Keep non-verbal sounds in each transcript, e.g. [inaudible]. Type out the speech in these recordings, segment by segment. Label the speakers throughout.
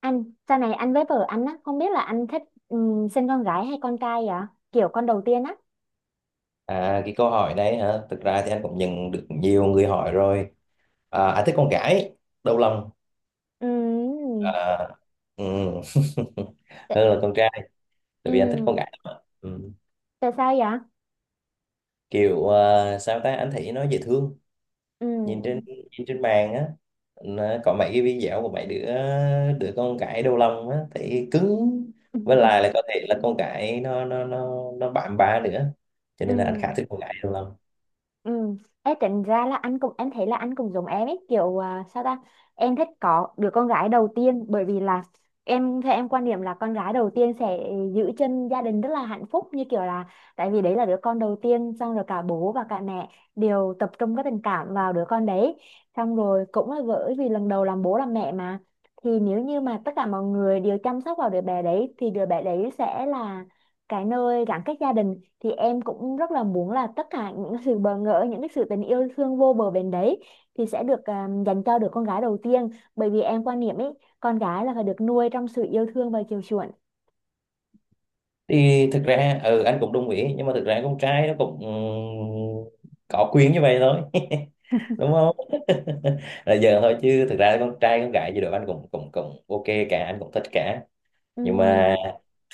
Speaker 1: Anh, sau này anh với vợ anh á, không biết là anh thích, sinh con gái hay con trai vậy? Kiểu con đầu tiên á.
Speaker 2: À, cái câu hỏi này hả? Thực ra thì anh cũng nhận được nhiều người hỏi rồi. À, anh thích con gái, đầu lòng.
Speaker 1: Ừm.
Speaker 2: À, ừ. [laughs]
Speaker 1: tại-
Speaker 2: Hơn là con trai, tại vì anh thích
Speaker 1: ừm,
Speaker 2: con gái lắm ạ. Ừ.
Speaker 1: Tại sao vậy?
Speaker 2: Kiểu à, sao ta, anh thấy nó dễ thương. Nhìn trên
Speaker 1: Ừm.
Speaker 2: nhìn trên mạng á, nó có mấy cái video của mấy đứa đứa con gái đầu lòng á, thấy cứng. Với lại là
Speaker 1: [laughs]
Speaker 2: có thể là con gái nó bạm bạ nữa. Cho nên là anh khá
Speaker 1: Ừm.
Speaker 2: thích con gái đầu lòng.
Speaker 1: Ừ. Ê, tính ra là anh cũng em thấy là anh cũng giống em, ấy kiểu sao ta, em thích có đứa con gái đầu tiên. Bởi vì là em theo em quan niệm là con gái đầu tiên sẽ giữ chân gia đình rất là hạnh phúc. Như kiểu là tại vì đấy là đứa con đầu tiên, xong rồi cả bố và cả mẹ đều tập trung cái tình cảm vào đứa con đấy. Xong rồi cũng là bởi vì lần đầu làm bố làm mẹ mà, thì nếu như mà tất cả mọi người đều chăm sóc vào đứa bé đấy thì đứa bé đấy sẽ là cái nơi gắn kết gia đình. Thì em cũng rất là muốn là tất cả những sự bỡ ngỡ, những cái sự tình yêu thương vô bờ bến đấy thì sẽ được dành cho đứa con gái đầu tiên. Bởi vì em quan niệm ấy, con gái là phải được nuôi trong sự yêu thương và chiều chuộng.
Speaker 2: Thì thực ra anh cũng đồng ý, nhưng mà thực ra con trai nó cũng có quyền như vậy thôi, [laughs] đúng không? [laughs] Là giờ thôi, chứ thực ra con trai con gái gì đó anh cũng cũng cũng ok cả, anh cũng thích cả. Nhưng mà
Speaker 1: Ừm,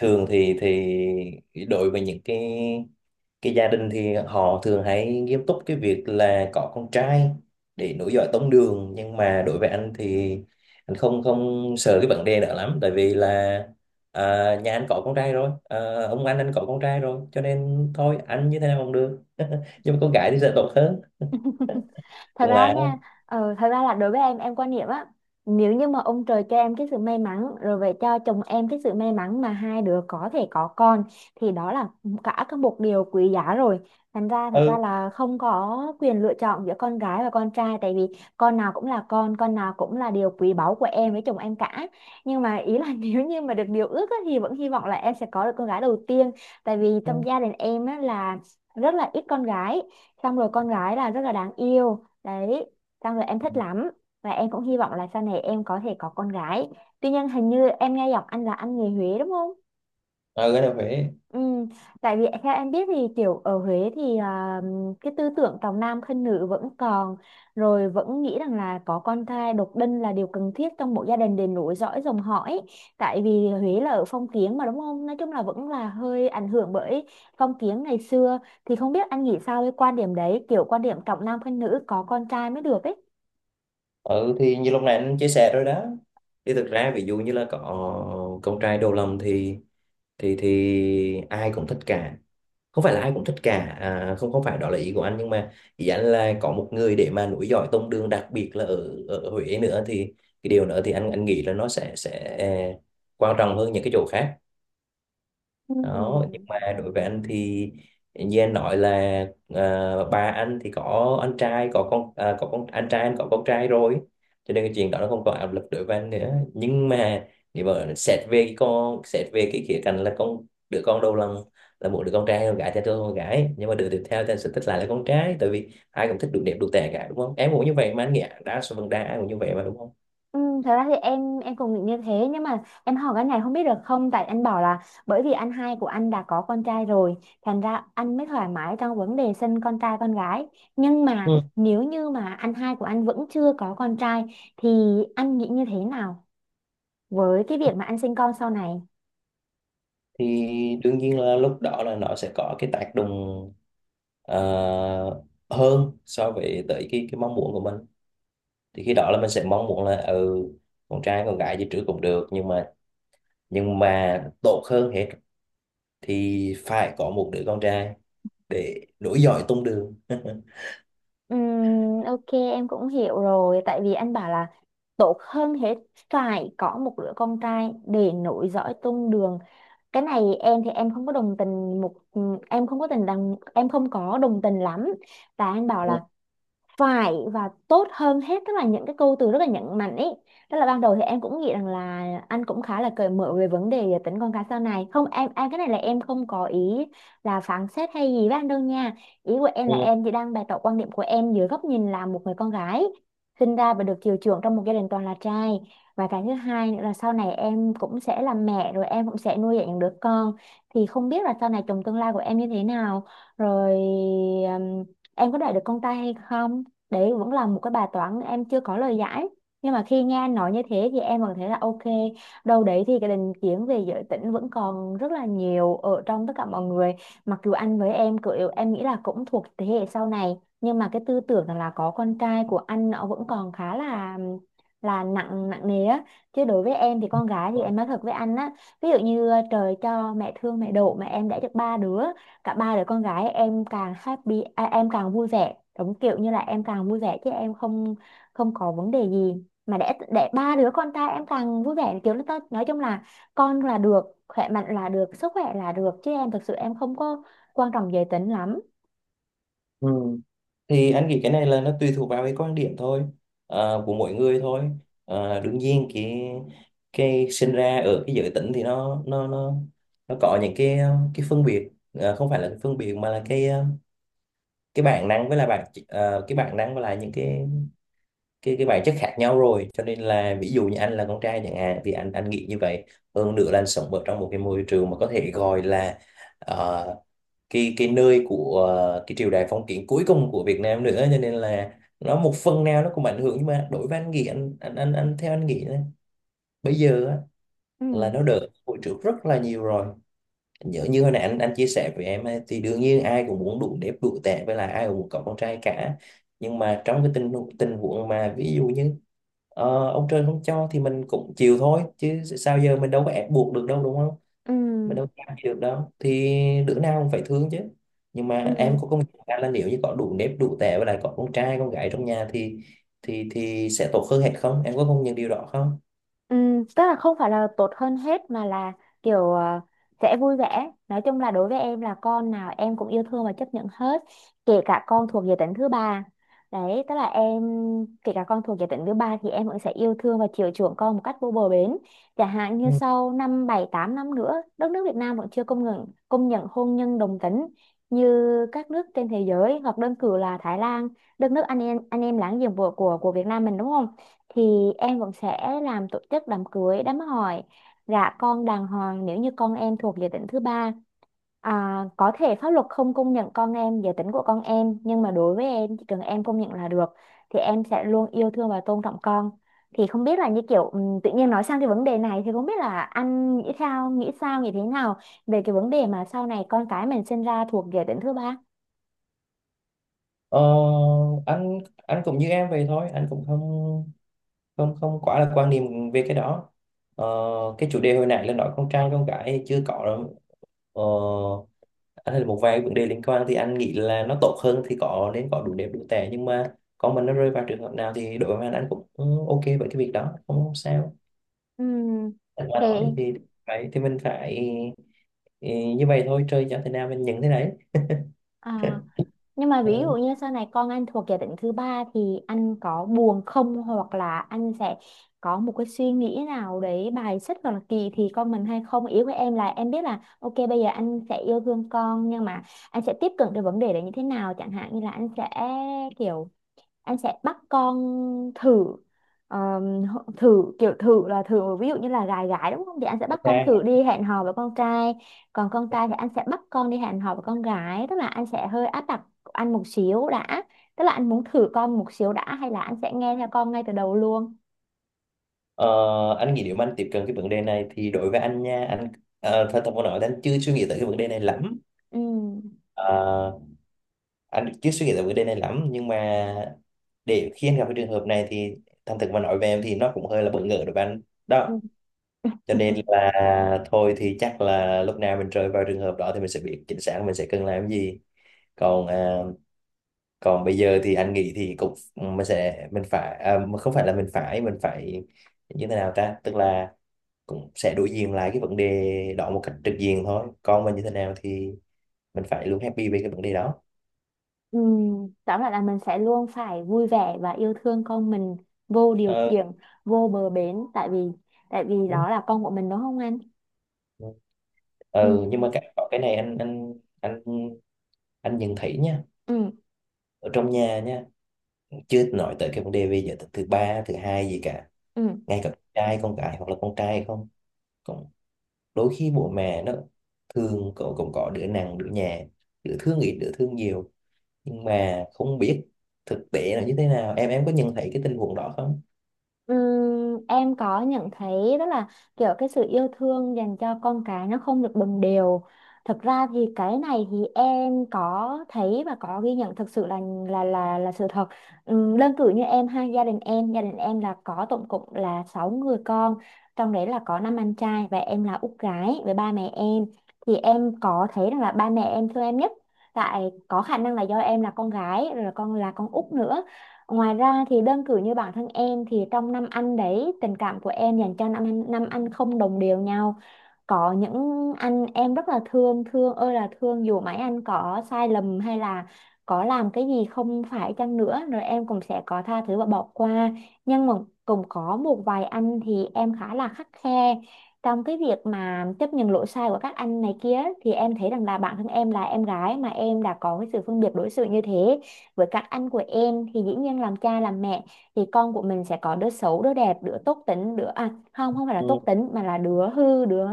Speaker 2: thường thì đối với những cái gia đình thì họ thường hay nghiêm túc cái việc là có con trai để nối dõi tông đường. Nhưng mà đối với anh thì anh không không sợ cái vấn đề đó lắm, tại vì là à, nhà anh có con trai rồi, à, ông anh có con trai rồi, cho nên thôi anh như thế nào cũng được. [laughs] Nhưng mà con gái thì sẽ tốt hơn,
Speaker 1: Thật
Speaker 2: cũng
Speaker 1: ra
Speaker 2: là
Speaker 1: nha. Thật ra là đối với em quan niệm á, nếu như mà ông trời cho em cái sự may mắn rồi về cho chồng em cái sự may mắn mà hai đứa có thể có con, thì đó là cả, có một điều quý giá rồi. Thành ra thật ra
Speaker 2: ừ.
Speaker 1: là không có quyền lựa chọn giữa con gái và con trai, tại vì con nào cũng là con nào cũng là điều quý báu của em với chồng em cả. Nhưng mà ý là [laughs] nếu như mà được điều ước á, thì vẫn hy vọng là em sẽ có được con gái đầu tiên. Tại vì
Speaker 2: Ừ.
Speaker 1: trong gia đình em á, là rất là ít con gái, xong rồi con gái là rất là đáng yêu. Đấy, xong rồi em thích lắm, và em cũng hy vọng là sau này em có thể có con gái. Tuy nhiên, hình như em nghe giọng anh là anh người Huế, đúng không?
Speaker 2: Ở Huế.
Speaker 1: Ừ, tại vì theo em biết thì kiểu ở Huế thì, cái tư tưởng trọng nam khinh nữ vẫn còn, rồi vẫn nghĩ rằng là có con trai độc đinh là điều cần thiết trong một gia đình để nối dõi dòng họ ấy. Tại vì Huế là ở phong kiến mà, đúng không? Nói chung là vẫn là hơi ảnh hưởng bởi phong kiến ngày xưa, thì không biết anh nghĩ sao với quan điểm đấy, kiểu quan điểm trọng nam khinh nữ, có con trai mới được ấy.
Speaker 2: Ừ, thì như lúc này anh chia sẻ rồi đó, thì thực ra ví dụ như là có con trai đầu lòng thì ai cũng thích cả. Không phải là ai cũng thích cả à, không, không phải đó là ý của anh, nhưng mà ý anh là có một người để mà nối dõi tông đường, đặc biệt là ở ở Huế nữa, thì cái điều nữa thì anh nghĩ là nó sẽ quan trọng hơn những cái chỗ khác
Speaker 1: Ừ.
Speaker 2: đó. Nhưng mà đối với anh thì như anh nói là à, ba anh thì có anh trai có con à, có con anh trai, anh có con trai rồi, cho nên cái chuyện đó nó không còn áp lực đối với anh nữa. Nhưng mà nếu mà xét về cái con xét về cái khía cạnh là đứa con đầu lòng là một đứa con trai con gái thì tôi con gái, nhưng mà đứa tiếp theo thì anh sẽ thích lại là con trai, tại vì ai cũng thích đủ đẹp đủ tệ cả, đúng không? Em cũng như vậy mà, anh nghĩ đa số phần đa ai cũng như vậy mà, đúng không?
Speaker 1: Ừ, thật ra thì em cũng nghĩ như thế. Nhưng mà em hỏi cái này không biết được không, tại anh bảo là bởi vì anh hai của anh đã có con trai rồi, thành ra anh mới thoải mái trong vấn đề sinh con trai con gái, nhưng mà nếu như mà anh hai của anh vẫn chưa có con trai thì anh nghĩ như thế nào với cái việc mà anh sinh con sau này?
Speaker 2: Thì đương nhiên là lúc đó là nó sẽ có cái tác động, ờ, hơn so với tới cái mong muốn của mình. Thì khi đó là mình sẽ mong muốn là con trai con gái gì trước cũng được, nhưng mà tốt hơn hết thì phải có một đứa con trai để nối dõi tông đường. [laughs]
Speaker 1: Ok, em cũng hiểu rồi. Tại vì anh bảo là tốt hơn hết phải có một đứa con trai để nối dõi tông đường. Cái này em thì em không có đồng tình một ừ, em không có tình đồng em không có đồng tình lắm. Và anh bảo
Speaker 2: Ừ.
Speaker 1: là phải, và tốt hơn hết, tức là những cái câu từ rất là nhấn mạnh ấy. Tức là ban đầu thì em cũng nghĩ rằng là anh cũng khá là cởi mở về vấn đề tính con cái sau này không? Em cái này là em không có ý là phán xét hay gì với anh đâu nha. Ý của em là em chỉ đang bày tỏ quan điểm của em dưới góc nhìn là một người con gái sinh ra và được chiều chuộng trong một gia đình toàn là trai. Và cái thứ hai nữa là sau này em cũng sẽ là mẹ, rồi em cũng sẽ nuôi dạy những đứa con, thì không biết là sau này chồng tương lai của em như thế nào, rồi ừm, em có đợi được con trai hay không, đấy vẫn là một cái bài toán em chưa có lời giải. Nhưng mà khi nghe anh nói như thế thì em vẫn thấy là ok, đâu đấy thì cái định kiến về giới tính vẫn còn rất là nhiều ở trong tất cả mọi người. Mặc dù anh với em kiểu em nghĩ là cũng thuộc thế hệ sau này, nhưng mà cái tư tưởng là có con trai của anh nó vẫn còn khá là nặng nặng nề á. Chứ đối với em thì con gái thì
Speaker 2: Ừ.
Speaker 1: em nói thật với anh á, ví dụ như trời cho mẹ thương mẹ độ mà em đã được ba đứa, cả ba đứa con gái em càng happy, em càng vui vẻ, đúng kiểu như là em càng vui vẻ chứ em không, không có vấn đề gì mà để ba đứa con trai em càng vui vẻ, kiểu là, tao nói chung là con là được, khỏe mạnh là được, sức khỏe là được, chứ em thực sự em không có quan trọng giới tính lắm.
Speaker 2: Ừ. Thì anh nghĩ cái này là nó tùy thuộc vào cái quan điểm thôi, của mỗi người thôi. Đương nhiên cái sinh ra ở cái giới tính thì nó có những cái cái phân biệt. Ờ, không phải là cái phân biệt, mà là cái bản năng, với là cái bản năng với lại những cái bản chất khác nhau rồi, cho nên là ví dụ như anh là con trai chẳng hạn thì anh nghĩ như vậy. Hơn nữa là anh sống ở trong một cái môi trường mà có thể gọi là ờ, cái nơi của cái triều đại phong kiến cuối cùng của Việt Nam nữa, cho nên là nó một phần nào nó cũng ảnh hưởng. Nhưng mà đối với anh nghĩ, anh theo anh nghĩ á, bây giờ á,
Speaker 1: Ừ.
Speaker 2: là nó đỡ hồi trước rất là nhiều rồi. Nhớ như hồi nãy anh chia sẻ với em ấy, thì đương nhiên ai cũng muốn đủ đẹp đủ tệ, với lại ai cũng muốn có con trai cả. Nhưng mà trong cái tình tình huống mà ví dụ như ông trời không cho thì mình cũng chịu thôi, chứ sao giờ mình đâu có ép buộc được đâu, đúng không?
Speaker 1: Ừ.
Speaker 2: Mà đâu cam gì được đâu, thì đứa nào cũng phải thương chứ. Nhưng mà em
Speaker 1: Ừ.
Speaker 2: có công nhận ra là nếu như có đủ nếp đủ tẻ và lại có con trai con gái trong nhà thì thì sẽ tốt hơn hết không, em có công nhận điều đó không?
Speaker 1: Tức là không phải là tốt hơn hết, mà là kiểu sẽ vui vẻ, nói chung là đối với em là con nào em cũng yêu thương và chấp nhận hết, kể cả con thuộc giới tính thứ ba. Đấy tức là em, kể cả con thuộc giới tính thứ ba thì em vẫn sẽ yêu thương và chiều chuộng con một cách vô bờ bến. Chẳng hạn như
Speaker 2: Ừ.
Speaker 1: sau 5, 7, 8 năm nữa đất nước Việt Nam vẫn chưa công nhận hôn nhân đồng tính như các nước trên thế giới, hoặc đơn cử là Thái Lan, đất nước anh em láng giềng của Việt Nam mình, đúng không? Thì em vẫn sẽ làm tổ chức đám cưới đám hỏi, gả con đàng hoàng nếu như con em thuộc giới tính thứ ba. Có thể pháp luật không công nhận con em giới tính của con em, nhưng mà đối với em chỉ cần em công nhận là được, thì em sẽ luôn yêu thương và tôn trọng con. Thì không biết là như kiểu tự nhiên nói sang cái vấn đề này thì không biết là anh nghĩ thế nào về cái vấn đề mà sau này con cái mình sinh ra thuộc giới tính thứ ba?
Speaker 2: ờ, anh cũng như em vậy thôi, anh cũng không không không quá là quan niệm về cái đó. Ờ, cái chủ đề hồi nãy là nói con trai con gái chưa có đâu. Ờ, anh thấy một vài vấn đề liên quan thì anh nghĩ là nó tốt hơn thì có nên có đủ đẹp đủ tệ, nhưng mà con mình nó rơi vào trường hợp nào thì đội với anh cũng ừ, ok với cái việc đó, không sao.
Speaker 1: Ừm,
Speaker 2: Anh mà
Speaker 1: thì
Speaker 2: nói thì phải thì mình phải ừ, như vậy thôi, chơi cho thế nào mình nhận thế đấy.
Speaker 1: à, Nhưng mà ví
Speaker 2: Ừ,
Speaker 1: dụ như sau này con anh thuộc giả định thứ ba thì anh có buồn không, hoặc là anh sẽ có một cái suy nghĩ nào đấy bài xích hoặc là kỳ thị con mình hay không? Ý của em là em biết là ok bây giờ anh sẽ yêu thương con, nhưng mà anh sẽ tiếp cận được vấn đề đấy như thế nào? Chẳng hạn như là anh sẽ kiểu em sẽ bắt con thử, thử kiểu thử là thử, ví dụ như là gái gái đúng không, thì anh sẽ bắt con thử
Speaker 2: ok.
Speaker 1: đi hẹn hò với con trai, còn con trai thì anh sẽ bắt con đi hẹn hò với con gái, tức là anh sẽ hơi áp đặt anh một xíu đã, tức là anh muốn thử con một xíu đã, hay là anh sẽ nghe theo con ngay từ đầu luôn?
Speaker 2: Ờ, anh nghĩ nếu mà anh tiếp cận cái vấn đề này thì đối với anh nha, anh thật thật mà nói thì anh chưa suy nghĩ tới cái vấn đề này lắm.
Speaker 1: Ừ.
Speaker 2: Ờ, anh chưa suy nghĩ tới vấn đề này lắm, nhưng mà để khi anh gặp cái trường hợp này thì thành thực mà nói về em thì nó cũng hơi là bỡ ngỡ đối với anh
Speaker 1: Ừ.
Speaker 2: đó. Cho nên
Speaker 1: [laughs]
Speaker 2: là thôi thì chắc là lúc nào mình rơi vào trường hợp đó thì mình sẽ biết chính xác mình sẽ cần làm gì. Còn à, còn bây giờ thì anh nghĩ thì cũng mình sẽ mình phải mà không phải là mình phải như thế nào ta, tức là cũng sẽ đối diện lại cái vấn đề đó một cách trực diện thôi, còn mình như thế nào thì mình phải luôn happy về cái vấn đề đó.
Speaker 1: Ừ. Tóm lại là mình sẽ luôn phải vui vẻ và yêu thương con mình vô điều
Speaker 2: ờ,
Speaker 1: kiện, vô bờ bến, tại vì
Speaker 2: Đúng.
Speaker 1: đó là con của mình, đúng không anh? Ừ.
Speaker 2: Ờ, nhưng mà có cái này anh anh nhận thấy nha,
Speaker 1: Ừ.
Speaker 2: ở trong nhà nha, chứ nói tới cái vấn đề về giới tính thứ ba thứ hai gì cả,
Speaker 1: Ừ.
Speaker 2: ngay cả con trai con gái hoặc là con trai không, cũng đôi khi bố mẹ nó thường cậu cũng có đứa nặng đứa nhẹ, đứa thương ít đứa thương nhiều, nhưng mà không biết thực tế là như thế nào, em có nhận thấy cái tình huống đó không?
Speaker 1: Ừm, em có nhận thấy đó là kiểu cái sự yêu thương dành cho con cái nó không được đồng đều. Thực ra thì cái này thì em có thấy và có ghi nhận thực sự là sự thật. Đơn cử như em ha, gia đình em là có tổng cộng là 6 người con, trong đấy là có năm anh trai và em là út gái với ba mẹ em. Thì em có thấy rằng là ba mẹ em thương em nhất. Tại có khả năng là do em là con gái, rồi là con út nữa. Ngoài ra thì đơn cử như bản thân em thì trong năm anh đấy, tình cảm của em dành cho năm anh không đồng đều nhau. Có những anh em rất là thương, thương ơi là thương, dù mấy anh có sai lầm hay là có làm cái gì không phải chăng nữa rồi em cũng sẽ có tha thứ và bỏ qua. Nhưng mà cũng có một vài anh thì em khá là khắt khe trong cái việc mà chấp nhận lỗi sai của các anh này kia, thì em thấy rằng là bản thân em là em gái mà em đã có cái sự phân biệt đối xử như thế với các anh của em, thì dĩ nhiên làm cha làm mẹ thì con của mình sẽ có đứa xấu, đứa đẹp, đứa tốt tính, đứa, không, không phải là
Speaker 2: Ừ.
Speaker 1: tốt tính, mà là đứa hư, đứa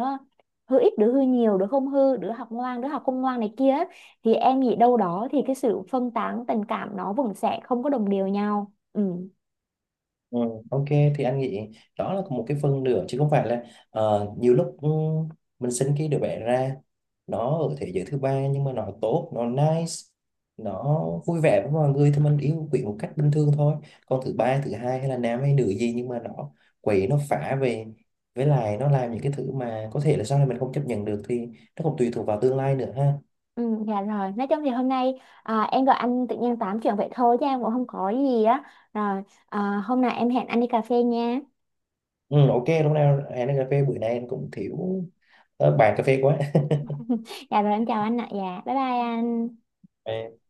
Speaker 1: hư ít, đứa hư nhiều, đứa không hư, đứa học ngoan, đứa học không ngoan này kia, thì em nghĩ đâu đó thì cái sự phân tán tình cảm nó vẫn sẽ không có đồng đều nhau. Ừ.
Speaker 2: Ừ, ok, thì anh nghĩ đó là một cái phần nữa, chứ không phải là nhiều lúc mình sinh cái đứa bé ra, nó ở thế giới thứ ba nhưng mà nó tốt, nó nice, nó vui vẻ với mọi người thì mình yêu quý một cách bình thường thôi. Còn thứ ba thứ hai hay là nam hay nữ gì nhưng mà nó quậy nó phá về, với lại nó làm những cái thứ mà có thể là sau này mình không chấp nhận được, thì nó cũng tùy thuộc vào tương lai nữa ha.
Speaker 1: Ừ, dạ rồi, nói chung thì hôm nay em gọi anh tự nhiên tám chuyện vậy thôi, chứ em cũng không có gì á. Rồi, hôm nào em hẹn anh đi cà phê nha.
Speaker 2: Ừ, ok, lúc nào hẹn cà phê, bữa nay anh cũng thiếu bàn cà phê quá.
Speaker 1: Dạ rồi, em chào anh ạ. Dạ, bye bye anh.
Speaker 2: [laughs]